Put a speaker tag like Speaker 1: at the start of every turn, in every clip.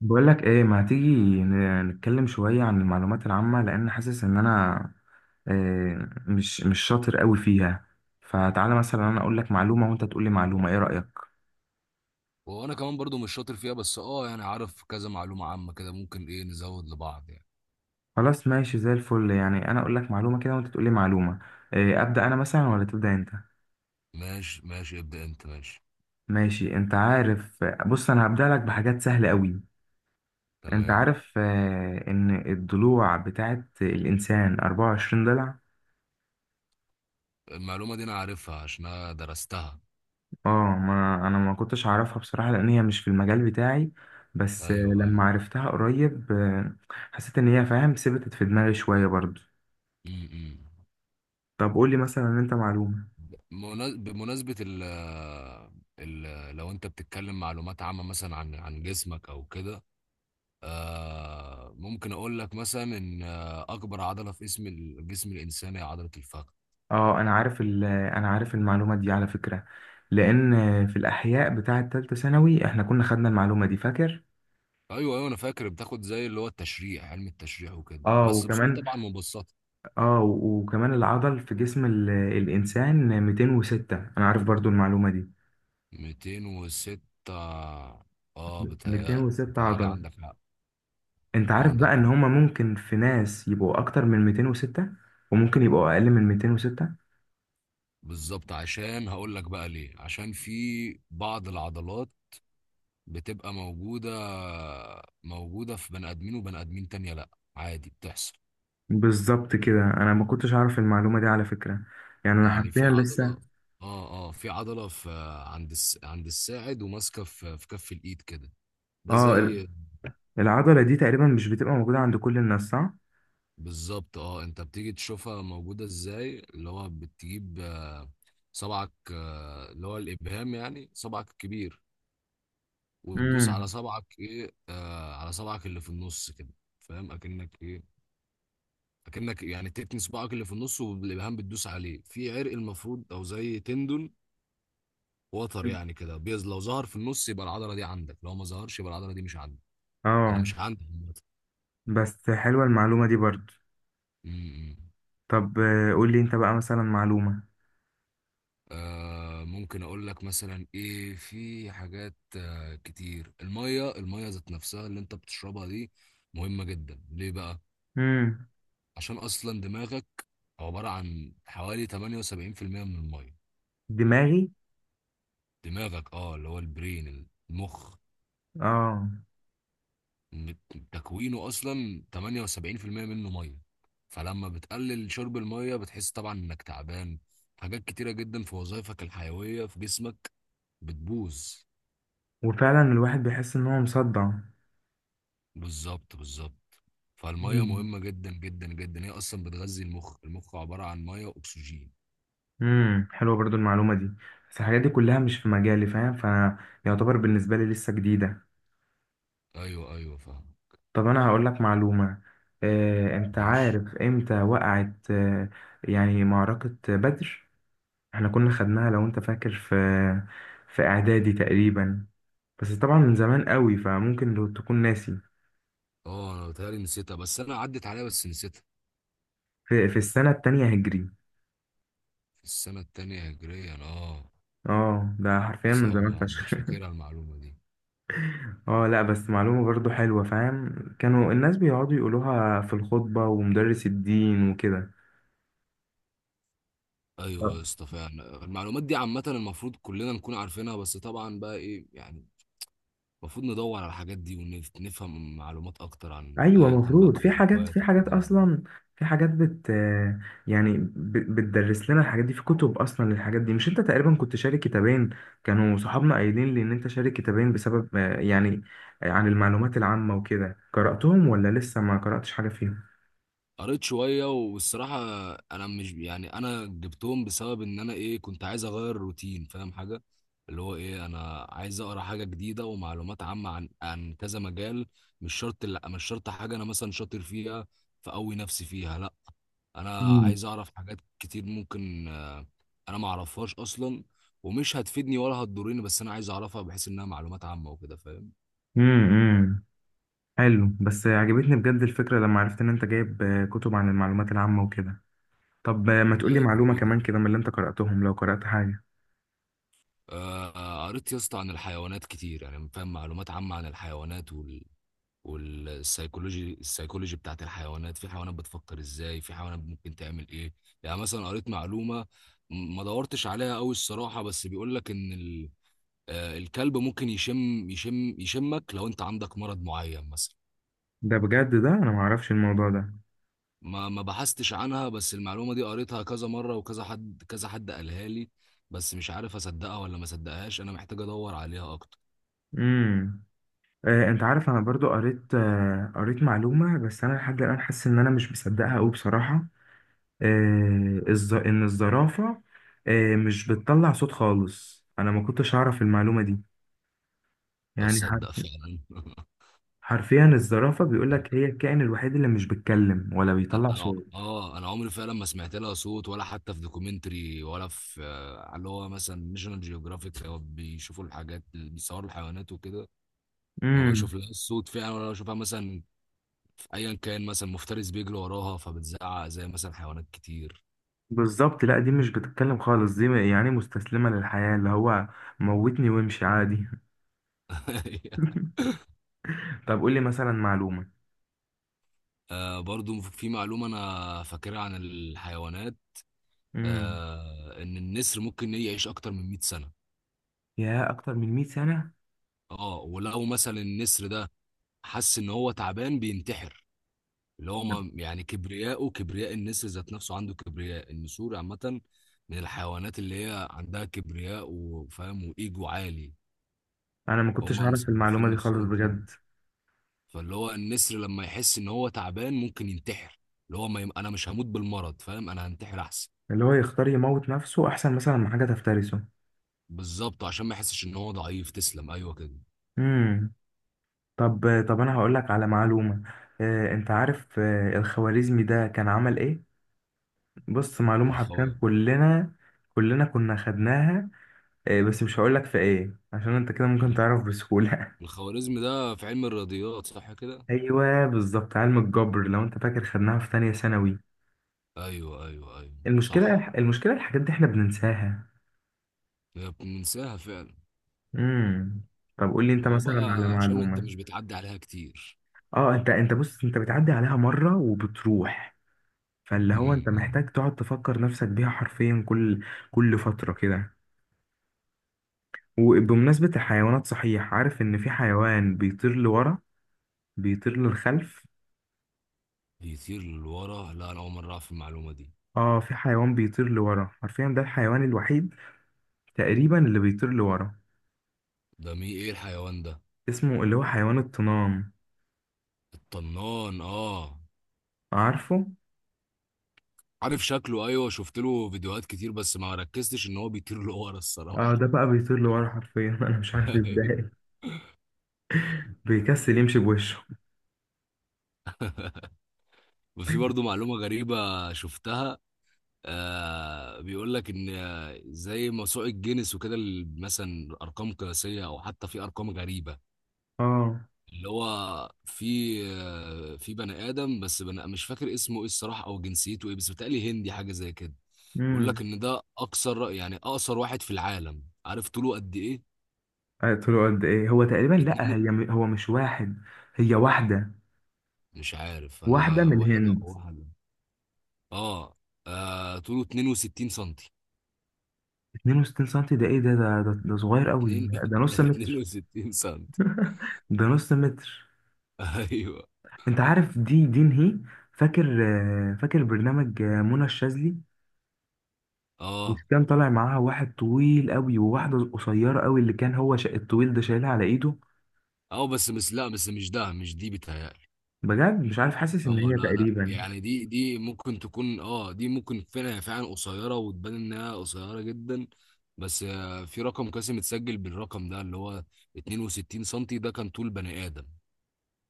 Speaker 1: بقول لك ايه؟ ما تيجي نتكلم شوية عن المعلومات العامة لان حاسس ان انا مش شاطر قوي فيها. فتعالى مثلا انا اقول لك معلومة وانت تقول لي معلومة، ايه رأيك؟
Speaker 2: وانا كمان برضو مش شاطر فيها بس يعني عارف كذا معلومة عامة كده ممكن ايه نزود لبعض يعني.
Speaker 1: خلاص ماشي زي الفل. يعني انا اقول لك معلومة كده وانت تقول لي معلومة. ابدأ انا مثلا ولا تبدأ انت.
Speaker 2: ماشي ماشي، ابدأ انت. ماشي.
Speaker 1: ماشي. انت عارف، بص انا هبدأ لك بحاجات سهلة قوي. انت
Speaker 2: تمام.
Speaker 1: عارف ان الضلوع بتاعت الانسان 24 ضلع.
Speaker 2: المعلومة دي انا عارفها عشان انا درستها.
Speaker 1: اه ما انا ما كنتش اعرفها بصراحة، لان هي مش في المجال بتاعي. بس
Speaker 2: ايوه، ايوه.
Speaker 1: لما عرفتها قريب، حسيت ان هي فاهم ثبتت في دماغي شوية برضو.
Speaker 2: امم.
Speaker 1: طب قول لي مثلا انت معلومة.
Speaker 2: بمناسبة ال لو انت بتتكلم معلومات عامة مثلا عن جسمك او كده. ممكن اقول لك مثلا ان، اكبر عضلة في اسم الجسم الانساني هي عضلة الفخذ.
Speaker 1: اه انا عارف، انا عارف المعلومة دي على فكرة. لان في الاحياء بتاعة تالتة ثانوي احنا كنا خدنا المعلومة دي، فاكر؟
Speaker 2: ايوه، ايوه، انا فاكر بتاخد زي اللي هو التشريح، علم التشريح، وكده
Speaker 1: اه
Speaker 2: بس بصوره
Speaker 1: وكمان،
Speaker 2: طبعا مبسطه.
Speaker 1: وكمان العضل في جسم الانسان 206. انا عارف برضو المعلومة دي.
Speaker 2: 206. اه، بتهيألي
Speaker 1: 206
Speaker 2: بتهيألي
Speaker 1: عضلة.
Speaker 2: عندك حق.
Speaker 1: انت عارف
Speaker 2: عندك
Speaker 1: بقى ان
Speaker 2: حق.
Speaker 1: هما ممكن في ناس يبقوا اكتر من 206 وممكن يبقوا اقل من 206.
Speaker 2: بالظبط، عشان هقول لك بقى ليه. عشان في بعض العضلات بتبقى موجوده، موجوده في بني ادمين، وبني ادمين تانية لا. عادي بتحصل.
Speaker 1: بالظبط كده، انا ما كنتش اعرف المعلومة دي على فكرة. يعني انا
Speaker 2: يعني في
Speaker 1: حرفيا
Speaker 2: عضله،
Speaker 1: لسه.
Speaker 2: اه في عضله في عند الساعد وماسكه في كف الايد كده. ده
Speaker 1: اه ال-
Speaker 2: زي.
Speaker 1: العضلة دي تقريبا مش بتبقى موجودة عند كل الناس، صح؟
Speaker 2: بالظبط. اه انت بتيجي تشوفها موجودة ازاي، اللي هو بتجيب، صبعك، اللي هو الابهام، يعني صبعك الكبير. وتدوس على
Speaker 1: امم.
Speaker 2: صبعك ايه آه على صبعك اللي في النص كده. فاهم، اكنك يعني تتني صباعك اللي في النص، والابهام بتدوس عليه في عرق المفروض، او زي تندون، وتر يعني كده. بيز لو ظهر في النص يبقى العضلة دي عندك، لو ما ظهرش يبقى العضلة دي مش عندك. انا
Speaker 1: اه
Speaker 2: مش عندي عامة.
Speaker 1: بس حلوة المعلومة دي برضو.
Speaker 2: م- م.
Speaker 1: طب قول لي انت بقى مثلا معلومة.
Speaker 2: ممكن اقول لك مثلا في حاجات، كتير. الميه، الميه ذات نفسها اللي انت بتشربها دي، مهمة جدا. ليه بقى؟
Speaker 1: امم.
Speaker 2: عشان اصلا دماغك عبارة عن حوالي 78% من الميه.
Speaker 1: دماغي؟
Speaker 2: دماغك، اللي هو البرين، المخ.
Speaker 1: اه.
Speaker 2: م- تكوينه اصلا 78% منه ميه. فلما بتقلل شرب الميه، بتحس طبعا انك تعبان. حاجات كتيرة جدا في وظائفك الحيوية في جسمك بتبوظ.
Speaker 1: وفعلا الواحد بيحس ان هو مصدع.
Speaker 2: بالظبط، بالظبط. فالميه مهمه جدا، جدا، جدا. هي اصلا بتغذي المخ. المخ عباره عن ميه واكسجين.
Speaker 1: امم، حلوه برضو المعلومه دي. بس الحاجات دي كلها مش في مجالي، فاهم؟ فيعتبر بالنسبه لي لسه جديده.
Speaker 2: ايوه، ايوه، فاهم.
Speaker 1: طب انا هقول لك معلومه. انت
Speaker 2: ماشي.
Speaker 1: عارف امتى وقعت، يعني معركه بدر؟ احنا كنا خدناها لو انت فاكر في، في اعدادي تقريبا. بس طبعا من زمان قوي، فممكن لو تكون ناسي.
Speaker 2: اه، انا بتهيألي نسيتها، بس انا عدت عليها بس نسيتها.
Speaker 1: في، في السنه التانية هجري.
Speaker 2: في السنه التانية هجريا، اه.
Speaker 1: اه ده حرفيا
Speaker 2: بس
Speaker 1: من زمان
Speaker 2: مش
Speaker 1: فشخ.
Speaker 2: فاكرها المعلومه دي.
Speaker 1: اه لا بس معلومة برضو حلوة، فاهم؟ كانوا الناس بيقعدوا يقولوها في الخطبة ومدرس الدين وكده.
Speaker 2: ايوه
Speaker 1: آه.
Speaker 2: يا اسطى، فعلا المعلومات دي عامه، المفروض كلنا نكون عارفينها، بس طبعا بقى ايه يعني. المفروض ندور على الحاجات دي ونفهم معلومات اكتر عن
Speaker 1: ايوه،
Speaker 2: ايا كان بقى.
Speaker 1: مفروض في حاجات، في
Speaker 2: الهوايات
Speaker 1: حاجات
Speaker 2: والكلام ده.
Speaker 1: اصلا، في حاجات بت، يعني بتدرس لنا الحاجات دي في كتب اصلا للحاجات دي. مش انت تقريبا كنت شارك كتابين، كانوا صحابنا قايلين لي ان انت شارك كتابين بسبب يعني، عن المعلومات العامة وكده؟ قرأتهم ولا لسه ما قرأتش حاجة فيهم؟
Speaker 2: قريت شوية، والصراحة أنا مش يعني أنا جبتهم بسبب إن أنا، كنت عايز أغير الروتين، فاهم حاجة، اللي هو، أنا عايز أقرأ حاجة جديدة ومعلومات عامة عن كذا مجال. مش شرط، لا مش شرط حاجة أنا مثلا شاطر فيها فأقوي نفسي فيها، لا. أنا
Speaker 1: مم.
Speaker 2: عايز أعرف حاجات كتير ممكن. أنا معرفهاش أصلا، ومش هتفيدني ولا هتضرني، بس أنا عايز أعرفها بحيث إنها معلومات عامة وكده، فاهم.
Speaker 1: امم، حلو. بس عجبتني بجد الفكرة لما عرفت ان انت جايب كتب عن المعلومات العامة وكده. طب ما تقولي
Speaker 2: ده
Speaker 1: معلومة
Speaker 2: مفيد.
Speaker 1: كمان كده من اللي انت قرأتهم، لو قرأت حاجة.
Speaker 2: قريت يا اسطى عن الحيوانات كتير، يعني فاهم، معلومات عامة عن الحيوانات والسيكولوجي بتاعت الحيوانات. في حيوانات بتفكر ازاي، في حيوانات ممكن تعمل ايه. يعني مثلا قريت معلومة، ما دورتش عليها قوي الصراحة، بس بيقول لك ان الكلب ممكن يشمك لو انت عندك مرض معين مثلا.
Speaker 1: ده بجد، ده انا معرفش الموضوع ده.
Speaker 2: ما بحثتش عنها، بس المعلومة دي قريتها كذا مرة، وكذا حد، كذا حد قالها لي، بس مش عارف اصدقها ولا ما اصدقهاش. انا محتاج ادور عليها اكتر،
Speaker 1: امم. آه، انت عارف انا برضو قريت، آه قريت معلومة بس انا لحد الآن حاسس ان انا مش مصدقها قوي بصراحة. آه ان الزرافة، آه، مش بتطلع صوت خالص. انا ما كنتش اعرف المعلومة دي.
Speaker 2: او
Speaker 1: يعني
Speaker 2: اصدق فعلا.
Speaker 1: حرفيا الزرافة بيقولك
Speaker 2: ممكن.
Speaker 1: هي الكائن الوحيد اللي مش بيتكلم ولا
Speaker 2: انا
Speaker 1: بيطلع
Speaker 2: أنا-
Speaker 1: صوت.
Speaker 2: اه انا عمري فعلا ما سمعت لها صوت، ولا حتى في دوكيومنتري، ولا في، على اللي هو مثلا ناشونال جيوغرافيك، او بيشوفوا الحاجات اللي بيصوروا الحيوانات وكده. ما بشوف
Speaker 1: امم.
Speaker 2: لها الصوت فعلا، ولا بشوفها مثلا في ايا كان، مثلا مفترس بيجري وراها فبتزعق زي مثلا حيوانات كتير.
Speaker 1: بالظبط، لا دي مش بتتكلم خالص دي. يعني مستسلمة للحياة، اللي هو موتني وامشي عادي. طب قول لي مثلا معلومة.
Speaker 2: برضو في معلومة انا فاكرها عن الحيوانات.
Speaker 1: امم.
Speaker 2: ان النسر ممكن يعيش اكتر من 100 سنة.
Speaker 1: يا اكتر من 100 سنة؟
Speaker 2: اه ولو مثلا النسر ده حس ان هو تعبان، بينتحر. اللي هو يعني كبرياءه، كبرياء النسر ذات نفسه، عنده كبرياء، النسور عامة من الحيوانات اللي هي عندها كبرياء وفاهم، وإيجو عالي.
Speaker 1: انا ما كنتش
Speaker 2: هما
Speaker 1: اعرف
Speaker 2: مصنفين
Speaker 1: المعلومة دي خالص
Speaker 2: نفسهم كده.
Speaker 1: بجد.
Speaker 2: فاللي هو النسر لما يحس إن هو تعبان، ممكن ينتحر. اللي هو ما يم... أنا مش هموت بالمرض، فاهم، أنا هنتحر أحسن.
Speaker 1: اللي هو يختار يموت نفسه احسن مثلا من حاجة تفترسه.
Speaker 2: بالظبط، عشان ما يحسش إن هو ضعيف. تسلم. أيوه كده.
Speaker 1: امم. طب، طب انا هقول لك على معلومة. انت عارف الخوارزمي ده كان عمل ايه؟ بص معلومة
Speaker 2: الخو...
Speaker 1: حرفيا كلنا، كلنا كنا خدناها، بس مش هقول لك في ايه عشان انت كده ممكن تعرف بسهولة.
Speaker 2: الخوارزمي ده في علم الرياضيات، صح كده؟
Speaker 1: ايوه بالظبط، علم الجبر. لو انت فاكر خدناها في تانية ثانوي.
Speaker 2: أيوه، أيوه، أيوه،
Speaker 1: المشكله
Speaker 2: صح.
Speaker 1: المشكله الحاجات دي احنا بننساها.
Speaker 2: هي بننساها فعلا.
Speaker 1: امم. طب قول لي انت
Speaker 2: هو
Speaker 1: مثلا على
Speaker 2: بقى عشان انت
Speaker 1: معلومه.
Speaker 2: مش بتعدي عليها كتير.
Speaker 1: اه انت، انت بص، انت بتعدي عليها مره وبتروح. فاللي هو انت
Speaker 2: امم.
Speaker 1: محتاج تقعد تفكر نفسك بيها حرفيا كل، كل فتره كده. وبمناسبه الحيوانات، صحيح عارف ان في حيوان بيطير لورا؟ بيطير للخلف.
Speaker 2: بيطير لورا؟ لا، انا اول مره اعرف المعلومه دي.
Speaker 1: اه في حيوان بيطير لورا حرفيا، ده الحيوان الوحيد تقريبا اللي بيطير لورا.
Speaker 2: ده مي ايه الحيوان ده؟
Speaker 1: اسمه اللي هو حيوان الطنان،
Speaker 2: الطنان، اه.
Speaker 1: عارفه؟
Speaker 2: عارف شكله، ايوه، شفت له فيديوهات كتير، بس ما ركزتش ان هو بيطير لورا
Speaker 1: اه
Speaker 2: الصراحه.
Speaker 1: ده بقى بيطير لورا حرفيا. انا مش عارف ازاي بيكسل يمشي بوشه.
Speaker 2: وفي برضو معلومه غريبه شفتها. بيقول لك ان، زي موسوعه جينيس وكده، مثلا ارقام قياسيه، او حتى في ارقام غريبه.
Speaker 1: اه.
Speaker 2: اللي هو في بني ادم، بس بني مش فاكر اسمه ايه الصراحه، او جنسيته ايه، بس بيتهيألي هندي، حاجه زي كده. بيقول لك
Speaker 1: امم.
Speaker 2: ان ده اقصر، يعني اقصر واحد في العالم. عارف طوله قد ايه؟
Speaker 1: قلت له قد ايه؟ هو تقريبا، لا،
Speaker 2: اتنين.
Speaker 1: هو مش واحد، هي واحده.
Speaker 2: مش عارف
Speaker 1: واحده
Speaker 2: انا
Speaker 1: من
Speaker 2: واحد او
Speaker 1: الهند.
Speaker 2: واحد. اه, طوله 62 سنتي.
Speaker 1: 62 سنتي؟ ده ايه ده، ده صغير قوي.
Speaker 2: اتنين.
Speaker 1: ده نص متر.
Speaker 2: 62 سنتي.
Speaker 1: ده نص متر.
Speaker 2: ايوه.
Speaker 1: انت عارف دي، دي نهي؟ فاكر، فاكر برنامج، منى الشاذلي؟
Speaker 2: اه
Speaker 1: مش كان طالع معاها واحد طويل قوي وواحده قصيره قوي، اللي كان هو الطويل ده شايلها على ايده؟
Speaker 2: اه بس مش، لا بس مش ده، مش دي بتهيألي.
Speaker 1: بجد مش عارف، حاسس
Speaker 2: اه،
Speaker 1: ان هي
Speaker 2: لا لا،
Speaker 1: تقريبا.
Speaker 2: يعني دي ممكن تكون، دي ممكن فعلا، فعلا قصيره، وتبان انها قصيره جدا. بس في رقم قاسم اتسجل بالرقم ده اللي هو 62 سنتي، ده كان طول بني ادم.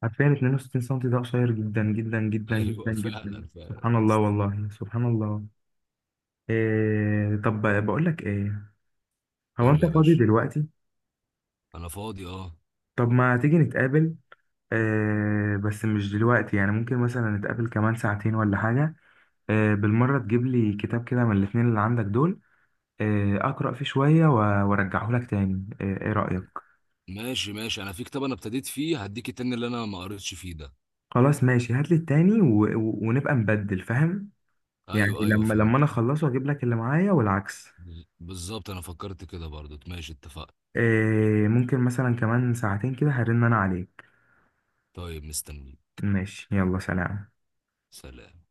Speaker 1: حرفيا 62 سم ده قصير جدا جدا جدا جدا
Speaker 2: ايوه
Speaker 1: جدا.
Speaker 2: فعلا، فعلا
Speaker 1: سبحان الله،
Speaker 2: بس.
Speaker 1: والله سبحان الله. إيه، طب بقول لك ايه، هو
Speaker 2: قول
Speaker 1: انت
Speaker 2: لي يا
Speaker 1: فاضي
Speaker 2: باشا.
Speaker 1: دلوقتي؟
Speaker 2: انا فاضي، اه.
Speaker 1: طب ما تيجي نتقابل. إيه بس مش دلوقتي يعني، ممكن مثلا نتقابل كمان ساعتين ولا حاجة. إيه بالمرة تجيب لي كتاب كده من الاتنين اللي عندك دول. إيه اقرأ فيه شوية وارجعه لك تاني، ايه، إيه رأيك؟
Speaker 2: ماشي، ماشي، انا في كتاب انا ابتديت فيه، هديك التاني اللي انا ما قريتش فيه ده.
Speaker 1: خلاص ماشي، هات لي التاني و... ونبقى نبدل، فاهم؟ يعني
Speaker 2: ايوه، ايوه،
Speaker 1: لما، لما
Speaker 2: فهمت.
Speaker 1: انا اخلصه اجيب لك اللي معايا والعكس.
Speaker 2: بالظبط، انا فكرت كده برضو. ماشي، اتفقنا.
Speaker 1: إيه ممكن مثلا كمان ساعتين كده هرن انا عليك.
Speaker 2: طيب، مستنيك.
Speaker 1: ماشي، يلا سلام.
Speaker 2: سلام.